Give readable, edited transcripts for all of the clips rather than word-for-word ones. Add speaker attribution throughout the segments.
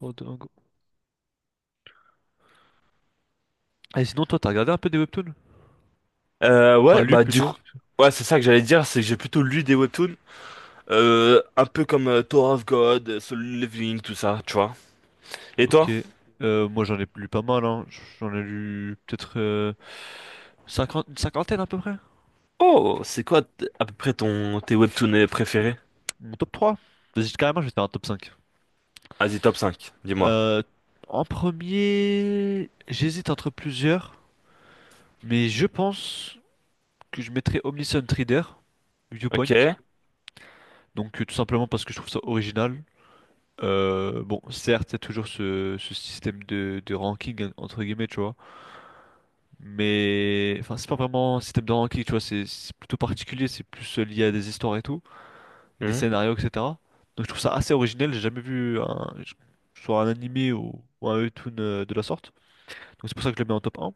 Speaker 1: Oh, dingo. Et sinon, toi, t'as regardé un peu des webtoons?
Speaker 2: Euh,
Speaker 1: Enfin,
Speaker 2: ouais,
Speaker 1: lu
Speaker 2: bah du coup,
Speaker 1: plutôt.
Speaker 2: ouais, c'est ça que j'allais dire, c'est que j'ai plutôt lu des webtoons, un peu comme Tower of God, Solo Leveling, tout ça, tu vois. Et
Speaker 1: Ok.
Speaker 2: toi?
Speaker 1: Moi, j'en ai lu pas mal, hein. J'en ai lu peut-être une cinquantaine à peu près.
Speaker 2: Oh, c'est quoi à peu près ton tes webtoons préférés?
Speaker 1: Mon top trois. Vas-y, carrément, je vais faire un top 5.
Speaker 2: Vas-y, top cinq dis-moi.
Speaker 1: Euh, En premier, j'hésite entre plusieurs, mais je pense que je mettrais Omniscient Reader, Viewpoint.
Speaker 2: Ok.
Speaker 1: Donc, tout simplement parce que je trouve ça original. Bon, certes, il y a toujours ce système de ranking, entre guillemets, tu vois. Mais enfin, c'est pas vraiment un système de ranking, tu vois, c'est plutôt particulier, c'est plus lié à des histoires et tout, et des
Speaker 2: Hmm.
Speaker 1: scénarios, etc. Donc je trouve ça assez original, j'ai jamais vu un, soit un animé ou un webtoon de la sorte. Donc c'est pour ça que je le mets en top un.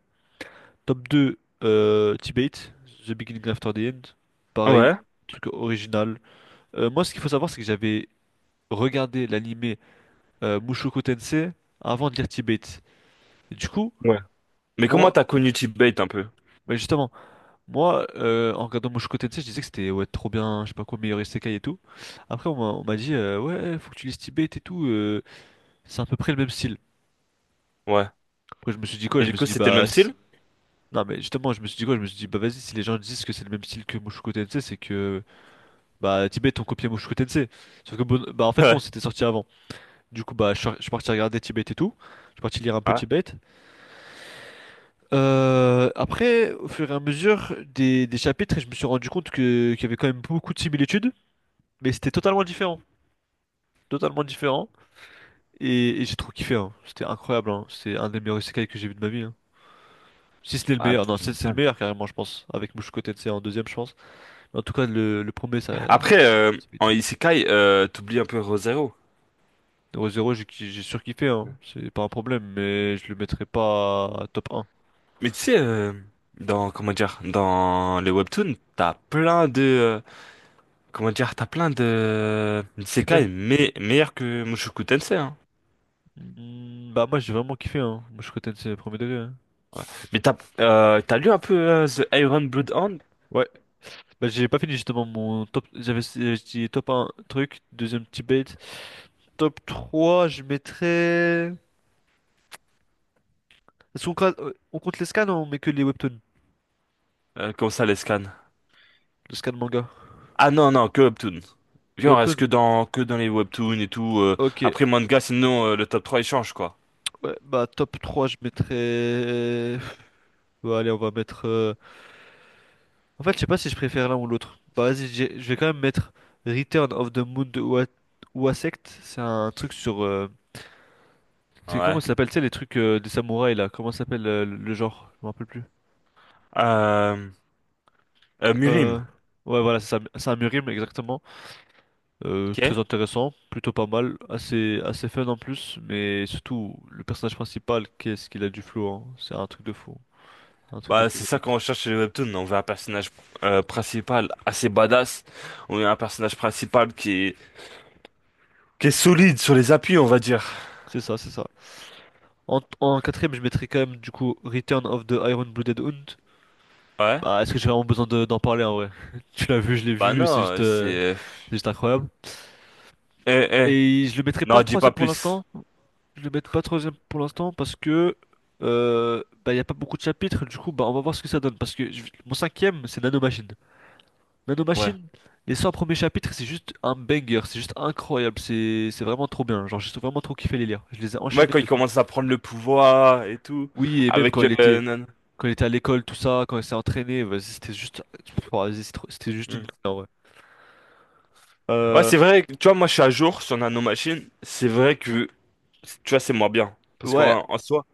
Speaker 1: Top deux, T-Bait, The Beginning After the End. Pareil,
Speaker 2: Ouais.
Speaker 1: truc original. Moi, ce qu'il faut savoir, c'est que j'avais regardé l'animé Mushoku Tensei avant de lire T-Bait. Et du coup,
Speaker 2: Ouais. Mais comment
Speaker 1: moi,
Speaker 2: t'as connu T-Bait un peu?
Speaker 1: mais justement. Moi, en regardant Mushoku-tensei, je disais que c'était ouais, trop bien, je sais pas quoi, meilleur isekai et tout. Après, on m'a dit, ouais, faut que tu lises Tibet et tout, c'est à peu près le même style.
Speaker 2: Ouais.
Speaker 1: Après, je me suis dit quoi?
Speaker 2: Et
Speaker 1: Je
Speaker 2: du
Speaker 1: me suis
Speaker 2: coup,
Speaker 1: dit,
Speaker 2: c'était le
Speaker 1: bah,
Speaker 2: même style?
Speaker 1: non, mais justement, je me suis dit quoi? Je me suis dit, bah, vas-y, si les gens disent que c'est le même style que Mushoku-tensei, c'est que, bah, Tibet ont copié Mushoku-tensei. Sauf que, bon, bah, en fait, non,
Speaker 2: Ouais.
Speaker 1: c'était sorti avant. Du coup, bah, je suis parti regarder Tibet et tout. Je suis parti lire un peu
Speaker 2: Ouais.
Speaker 1: Tibet. Après, au fur et à mesure des chapitres, je me suis rendu compte que, qu'il y avait quand même beaucoup de similitudes, mais c'était totalement différent. Totalement différent. Et j'ai trop kiffé, hein. C'était incroyable, hein. C'est un des meilleurs isekai que j'ai vu de ma vie, hein. Si ce n'est le
Speaker 2: Ah,
Speaker 1: meilleur, non,
Speaker 2: tu
Speaker 1: c'est le
Speaker 2: m'étonnes.
Speaker 1: meilleur carrément, je pense. Avec Mushoku Tensei en deuxième, je pense. Mais en tout cas, le premier, ça.
Speaker 2: Après,
Speaker 1: C'est vite.
Speaker 2: en Isekai, t'oublies un peu Re:Zero.
Speaker 1: Zero Zero, j'ai surkiffé, hein. C'est pas un problème, mais je le mettrai pas top un.
Speaker 2: Mais tu sais, dans, comment dire, dans les webtoons, t'as plein de, comment dire, t'as plein de
Speaker 1: C'est quand même.
Speaker 2: isekai mais meilleurs que Mushoku Tensei, hein.
Speaker 1: Hmm, bah, moi, j'ai vraiment kiffé, hein. Mushoku Tensei, premier degré, hein.
Speaker 2: Mais t'as, t'as lu un peu The Iron Blood Hand?
Speaker 1: Ouais, bah j'ai pas fini justement mon top. J'avais dit top un truc, deuxième petit bait. Top 3 je mettrais. On compte les scans ou on met que les webtoons?
Speaker 2: Comment ça, les scans?
Speaker 1: Les scans manga.
Speaker 2: Ah non, non, que webtoon.
Speaker 1: Que
Speaker 2: Genre, est-ce
Speaker 1: Webtoons?
Speaker 2: que dans les webtoons et tout,
Speaker 1: Ok.
Speaker 2: après manga, sinon, le top trois il change, quoi.
Speaker 1: Ouais, bah top 3, je mettrais. Bah, allez, on va mettre, en fait, je sais pas si je préfère l'un ou l'autre. Bah, vas-y, je vais quand même mettre Return of the Moon de Uasect. C'est un truc sur, c'est, comment
Speaker 2: Ouais.
Speaker 1: ça s'appelle? Tu sais, les trucs des samouraïs là. Comment ça s'appelle le genre? Je me rappelle plus.
Speaker 2: Euh,
Speaker 1: Euh...
Speaker 2: Mirim,
Speaker 1: Ouais, voilà, c'est ça, Samurim, exactement. Très
Speaker 2: ok?
Speaker 1: intéressant, plutôt pas mal, assez, assez fun en plus, mais surtout le personnage principal, qu'est-ce qu'il a du flow, hein. C'est un truc de fou, un truc de
Speaker 2: Bah,
Speaker 1: fou, un
Speaker 2: c'est ça
Speaker 1: truc de
Speaker 2: qu'on
Speaker 1: fou.
Speaker 2: recherche chez les webtoons. On veut un personnage principal assez badass. On veut un personnage principal qui est solide sur les appuis, on va dire.
Speaker 1: C'est ça, c'est ça. En quatrième, je mettrais quand même du coup Return of the Iron-Blooded Hound.
Speaker 2: Ouais.
Speaker 1: Bah, est-ce que j'ai vraiment besoin d'en parler en vrai? Tu l'as vu, je l'ai
Speaker 2: Bah non,
Speaker 1: vu,
Speaker 2: c'est...
Speaker 1: c'est juste incroyable.
Speaker 2: Eh, eh.
Speaker 1: Et je le mettrai
Speaker 2: Non,
Speaker 1: pas
Speaker 2: dis pas
Speaker 1: troisième pour
Speaker 2: plus.
Speaker 1: l'instant, je le mettrai pas troisième pour l'instant parce que bah, il n'y a pas beaucoup de chapitres, du coup bah, on va voir ce que ça donne. Parce que mon cinquième c'est Nanomachine.
Speaker 2: Ouais.
Speaker 1: Nanomachine, les 100 premiers chapitres, c'est juste un banger, c'est juste incroyable, c'est vraiment trop bien. Genre, j'ai vraiment trop kiffé les lire. Je les ai
Speaker 2: Moi,
Speaker 1: enchaînés
Speaker 2: quand
Speaker 1: de
Speaker 2: il
Speaker 1: fou.
Speaker 2: commence à prendre le pouvoir et tout,
Speaker 1: Oui, et même
Speaker 2: avec...
Speaker 1: quand il était à l'école, tout ça, quand il s'est entraîné, vas-y, c'était juste oh, vas-y, c'était juste une
Speaker 2: Hmm.
Speaker 1: en vrai.
Speaker 2: Ouais,
Speaker 1: Euh,
Speaker 2: c'est vrai. Tu vois, moi, je suis à jour sur Nano Machine. C'est vrai que, tu vois, c'est moins bien. Parce
Speaker 1: ouais,
Speaker 2: qu'en en soi...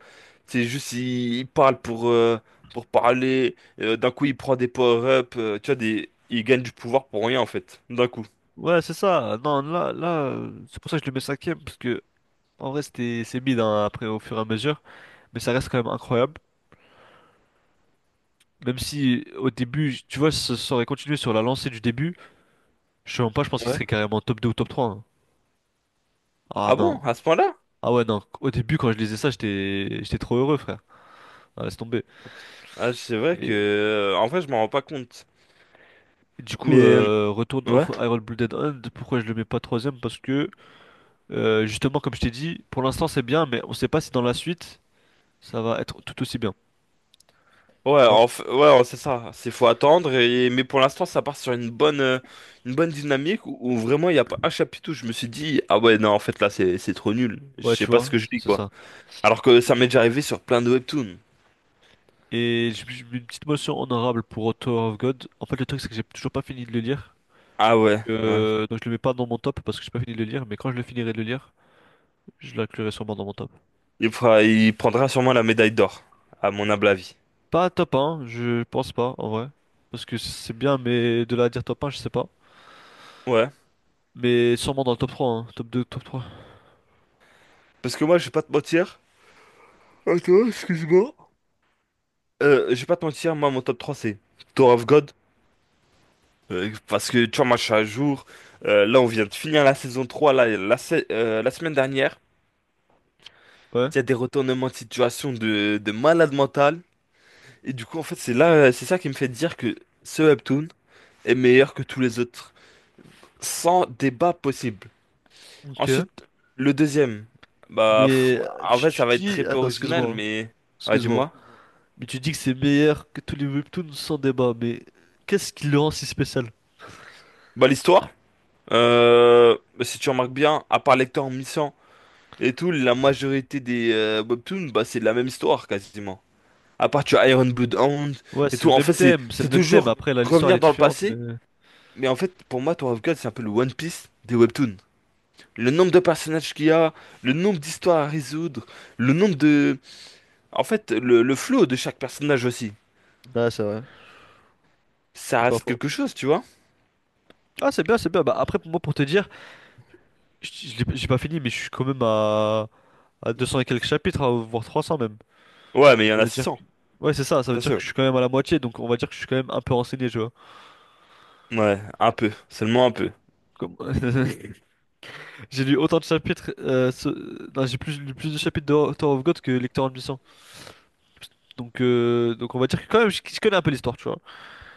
Speaker 2: C'est juste, il parle pour parler. D'un coup, il prend des power-up. Tu vois, des, il gagne du pouvoir pour rien, en fait. D'un coup.
Speaker 1: ouais, c'est ça. Non, là là, c'est pour ça que je le mets cinquième parce que en vrai, c'est bide hein, après au fur et à mesure, mais ça reste quand même incroyable. Même si au début, tu vois, ça aurait continué sur la lancée du début, je sais même pas, je pense qu'il
Speaker 2: Ouais.
Speaker 1: serait carrément top 2 ou top 3 hein. Ah
Speaker 2: Ah bon?
Speaker 1: non.
Speaker 2: À ce point-là?
Speaker 1: Ah ouais, non, au début quand je lisais ça, j'étais trop heureux, frère. Ah, laisse tomber.
Speaker 2: Ah, c'est vrai que.
Speaker 1: Et
Speaker 2: En vrai, je m'en rends pas compte.
Speaker 1: du
Speaker 2: Mais.
Speaker 1: coup,
Speaker 2: euh,
Speaker 1: Return
Speaker 2: Ouais.
Speaker 1: of Iron Blooded Hand, pourquoi je le mets pas troisième? Parce que, justement, comme je t'ai dit, pour l'instant c'est bien, mais on sait pas si dans la suite, ça va être tout aussi bien.
Speaker 2: Ouais,
Speaker 1: Tu vois.
Speaker 2: ouais, ouais, c'est ça. C'est faut attendre. Et... Mais pour l'instant, ça part sur une bonne dynamique où, où vraiment il y a pas un chapitre où je me suis dit, ah ouais, non, en fait là, c'est trop nul. Je
Speaker 1: Ouais, tu
Speaker 2: sais pas ce
Speaker 1: vois,
Speaker 2: que je
Speaker 1: c'est
Speaker 2: dis
Speaker 1: c'est
Speaker 2: quoi.
Speaker 1: ça.
Speaker 2: Alors que
Speaker 1: Et,
Speaker 2: ça m'est
Speaker 1: du-
Speaker 2: déjà arrivé sur plein de webtoons.
Speaker 1: et j'ai mis une petite motion honorable pour Author of God. En fait, le truc, c'est que j'ai toujours pas fini de le lire.
Speaker 2: Ah ouais, ouais.
Speaker 1: Donc je le mets pas dans mon top parce que j'ai pas fini de le lire, mais quand je le finirai de le lire, je l'inclurai sûrement dans mon top.
Speaker 2: Il prendra sûrement la médaille d'or, à mon humble avis.
Speaker 1: Pas top 1, je pense pas en vrai. Parce que c'est bien, mais de là à dire top 1, je sais pas.
Speaker 2: Ouais.
Speaker 1: Mais sûrement dans le top 3, hein. Top 2, top 3.
Speaker 2: Parce que moi, je vais pas te mentir. Attends, excuse-moi. Je vais pas te mentir, moi, mon top 3 c'est Tour of God. Parce que, tu vois, moi, je suis à jour. Là, on vient de finir la saison 3. Là, la semaine dernière.
Speaker 1: Ouais,
Speaker 2: Il y a des retournements de situation de malade mental. Et du coup, en fait, c'est là, c'est ça qui me fait dire que ce webtoon est meilleur que tous les autres. Sans débat possible.
Speaker 1: ok.
Speaker 2: Ensuite, le deuxième. Bah, pff,
Speaker 1: Mais
Speaker 2: en fait,
Speaker 1: tu
Speaker 2: ça va être très
Speaker 1: dis.
Speaker 2: peu
Speaker 1: Attends,
Speaker 2: original,
Speaker 1: excuse-moi, hein.
Speaker 2: mais. Ah,
Speaker 1: Excuse-moi.
Speaker 2: dis-moi.
Speaker 1: Mais tu dis que c'est meilleur que tous les webtoons sans débat. Mais qu'est-ce qui le rend si spécial?
Speaker 2: Bah, l'histoire. Bah, si tu remarques bien, à part Lecter en et tout, la majorité des webtoons, bah, c'est la même histoire quasiment. À part tu as Iron Bloodhound
Speaker 1: Ouais,
Speaker 2: et
Speaker 1: c'est
Speaker 2: tout.
Speaker 1: le
Speaker 2: En
Speaker 1: même
Speaker 2: fait, c'est
Speaker 1: thème, c'est
Speaker 2: c'est
Speaker 1: le même thème.
Speaker 2: toujours
Speaker 1: Après, là, l'histoire elle
Speaker 2: revenir
Speaker 1: est
Speaker 2: dans le
Speaker 1: différente, mais.
Speaker 2: passé. Mais en fait, pour moi, Tower of God, c'est un peu le One Piece des webtoons. Le nombre de personnages qu'il y a, le nombre d'histoires à résoudre, le nombre de. En fait, le flow de chaque personnage aussi.
Speaker 1: Ah c'est vrai.
Speaker 2: Ça
Speaker 1: C'est pas
Speaker 2: reste
Speaker 1: faux.
Speaker 2: quelque chose, tu vois?
Speaker 1: Ah, c'est bien, c'est bien. Bah, après, pour moi, pour te dire, j'ai pas fini, mais je suis quand même à 200 et quelques chapitres, voire 300 même.
Speaker 2: Ouais, mais il y en
Speaker 1: Ça
Speaker 2: a
Speaker 1: veut dire que...
Speaker 2: 600.
Speaker 1: Ouais, c'est ça, ça veut dire que
Speaker 2: Attention.
Speaker 1: je suis quand même à la moitié, donc on va dire que je suis quand même un peu renseigné, tu vois.
Speaker 2: Ouais, un peu. Seulement un peu.
Speaker 1: Comme- J'ai lu autant de chapitres, non, lu plus de chapitres de Tower of God que Lecteur en mission. Donc on va dire que quand même, je connais un peu l'histoire, tu vois.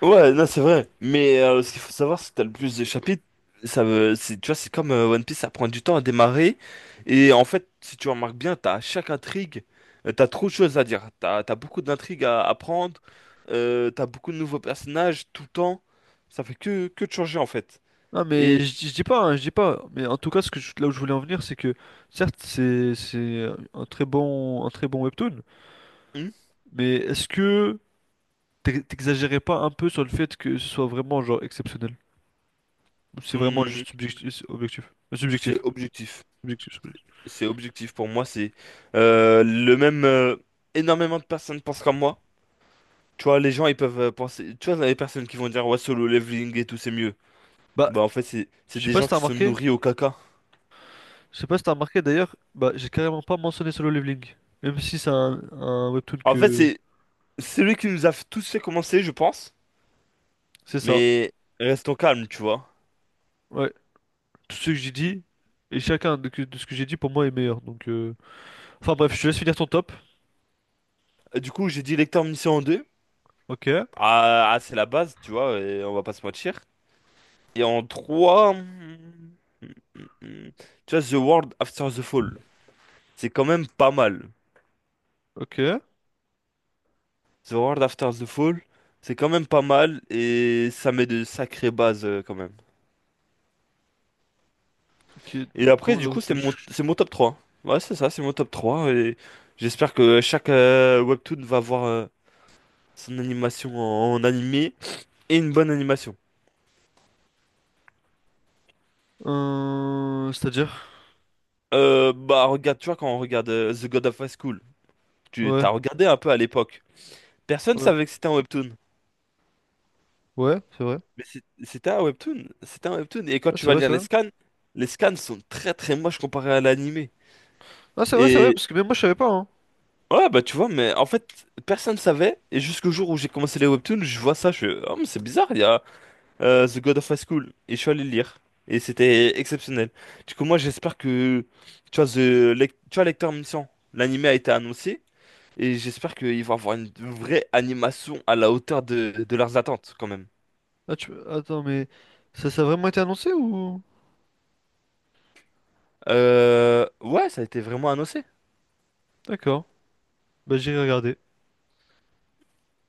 Speaker 2: Ouais, non, c'est vrai. Mais ce qu'il faut savoir, c'est que t'as le plus de chapitres. Ça veut, c'est, tu vois, c'est comme One Piece, ça prend du temps à démarrer. Et en fait, si tu remarques bien, t'as chaque intrigue, t'as trop de choses à dire. T'as, t'as beaucoup d'intrigues à apprendre. T'as beaucoup de nouveaux personnages tout le temps. Ça fait que de changer, en fait.
Speaker 1: Non, mais
Speaker 2: Et
Speaker 1: je dis pas, hein, je dis pas. Mais en tout cas, là où je voulais en venir, c'est que, certes, c'est un très bon webtoon,
Speaker 2: hum,
Speaker 1: mais est-ce que t'exagérais pas un peu sur le fait que ce soit vraiment, genre, exceptionnel? Ou c'est vraiment
Speaker 2: hum,
Speaker 1: juste subjectif, objectif.
Speaker 2: c'est
Speaker 1: Subjectif.
Speaker 2: objectif.
Speaker 1: Objectif, subjectif.
Speaker 2: C'est objectif pour moi, c'est le même. Énormément de personnes pensent comme moi. Tu vois, les gens ils peuvent penser. Tu vois, les personnes qui vont dire ouais, solo leveling et tout, c'est mieux.
Speaker 1: Bah,
Speaker 2: Bah, en fait, c'est
Speaker 1: je sais
Speaker 2: des
Speaker 1: pas si
Speaker 2: gens
Speaker 1: t'as
Speaker 2: qui se
Speaker 1: remarqué,
Speaker 2: nourrissent au caca.
Speaker 1: je sais pas si t'as remarqué d'ailleurs, bah j'ai carrément pas mentionné Solo Leveling, même si c'est un webtoon
Speaker 2: En fait,
Speaker 1: que
Speaker 2: c'est lui qui nous a tous fait commencer, je pense.
Speaker 1: c'est ça.
Speaker 2: Mais restons calmes, tu vois.
Speaker 1: Ouais, tout ce que j'ai dit et chacun de, de ce que j'ai dit pour moi est meilleur. Donc enfin bref, je te laisse finir ton top.
Speaker 2: Et du coup, j'ai dit lecteur mission en deux.
Speaker 1: OK,
Speaker 2: Ah, ah, c'est la base, tu vois, et on va pas se mentir. Et en 3. Tu vois, The World After the Fall. C'est quand même pas mal.
Speaker 1: OK.
Speaker 2: The World After the Fall, c'est quand même pas mal et ça met de sacrées bases quand même.
Speaker 1: OK.
Speaker 2: Et
Speaker 1: do-
Speaker 2: après,
Speaker 1: do-
Speaker 2: du
Speaker 1: do-
Speaker 2: coup,
Speaker 1: do- ch-
Speaker 2: c'est mon top 3. Ouais, c'est ça, c'est mon top 3. Et j'espère que chaque webtoon va avoir son animation en, en animé et une bonne animation.
Speaker 1: C'est-à-dire
Speaker 2: Bah, regarde, tu vois, quand on regarde The God of High School, tu t'as
Speaker 1: ouais,
Speaker 2: regardé un peu à l'époque. Personne
Speaker 1: ouais.
Speaker 2: savait que c'était un webtoon.
Speaker 1: Ouais, c'est vrai.
Speaker 2: Mais c'était un webtoon, c'était un webtoon. Et quand
Speaker 1: Ah,
Speaker 2: tu
Speaker 1: c'est
Speaker 2: vas
Speaker 1: vrai,
Speaker 2: lire
Speaker 1: c'est vrai.
Speaker 2: les scans sont très très moches comparés à l'animé.
Speaker 1: Ah, c'est vrai
Speaker 2: Et
Speaker 1: parce que même moi je savais pas hein.
Speaker 2: ouais, bah tu vois, mais en fait, personne savait, et jusqu'au jour où j'ai commencé les webtoons, je vois ça, je fais, oh, mais c'est bizarre, il y a The God of High School, et je suis allé le lire, et c'était exceptionnel. Du coup, moi, j'espère que, tu vois, tu vois, Lecteur Mission, l'anime a été annoncé, et j'espère qu'ils vont avoir une vraie animation à la hauteur de leurs attentes, quand même.
Speaker 1: Ah, tu... attends mais ça ça a vraiment été annoncé ou.
Speaker 2: Ouais, ça a été vraiment annoncé.
Speaker 1: D'accord. Bah j'irai regarder.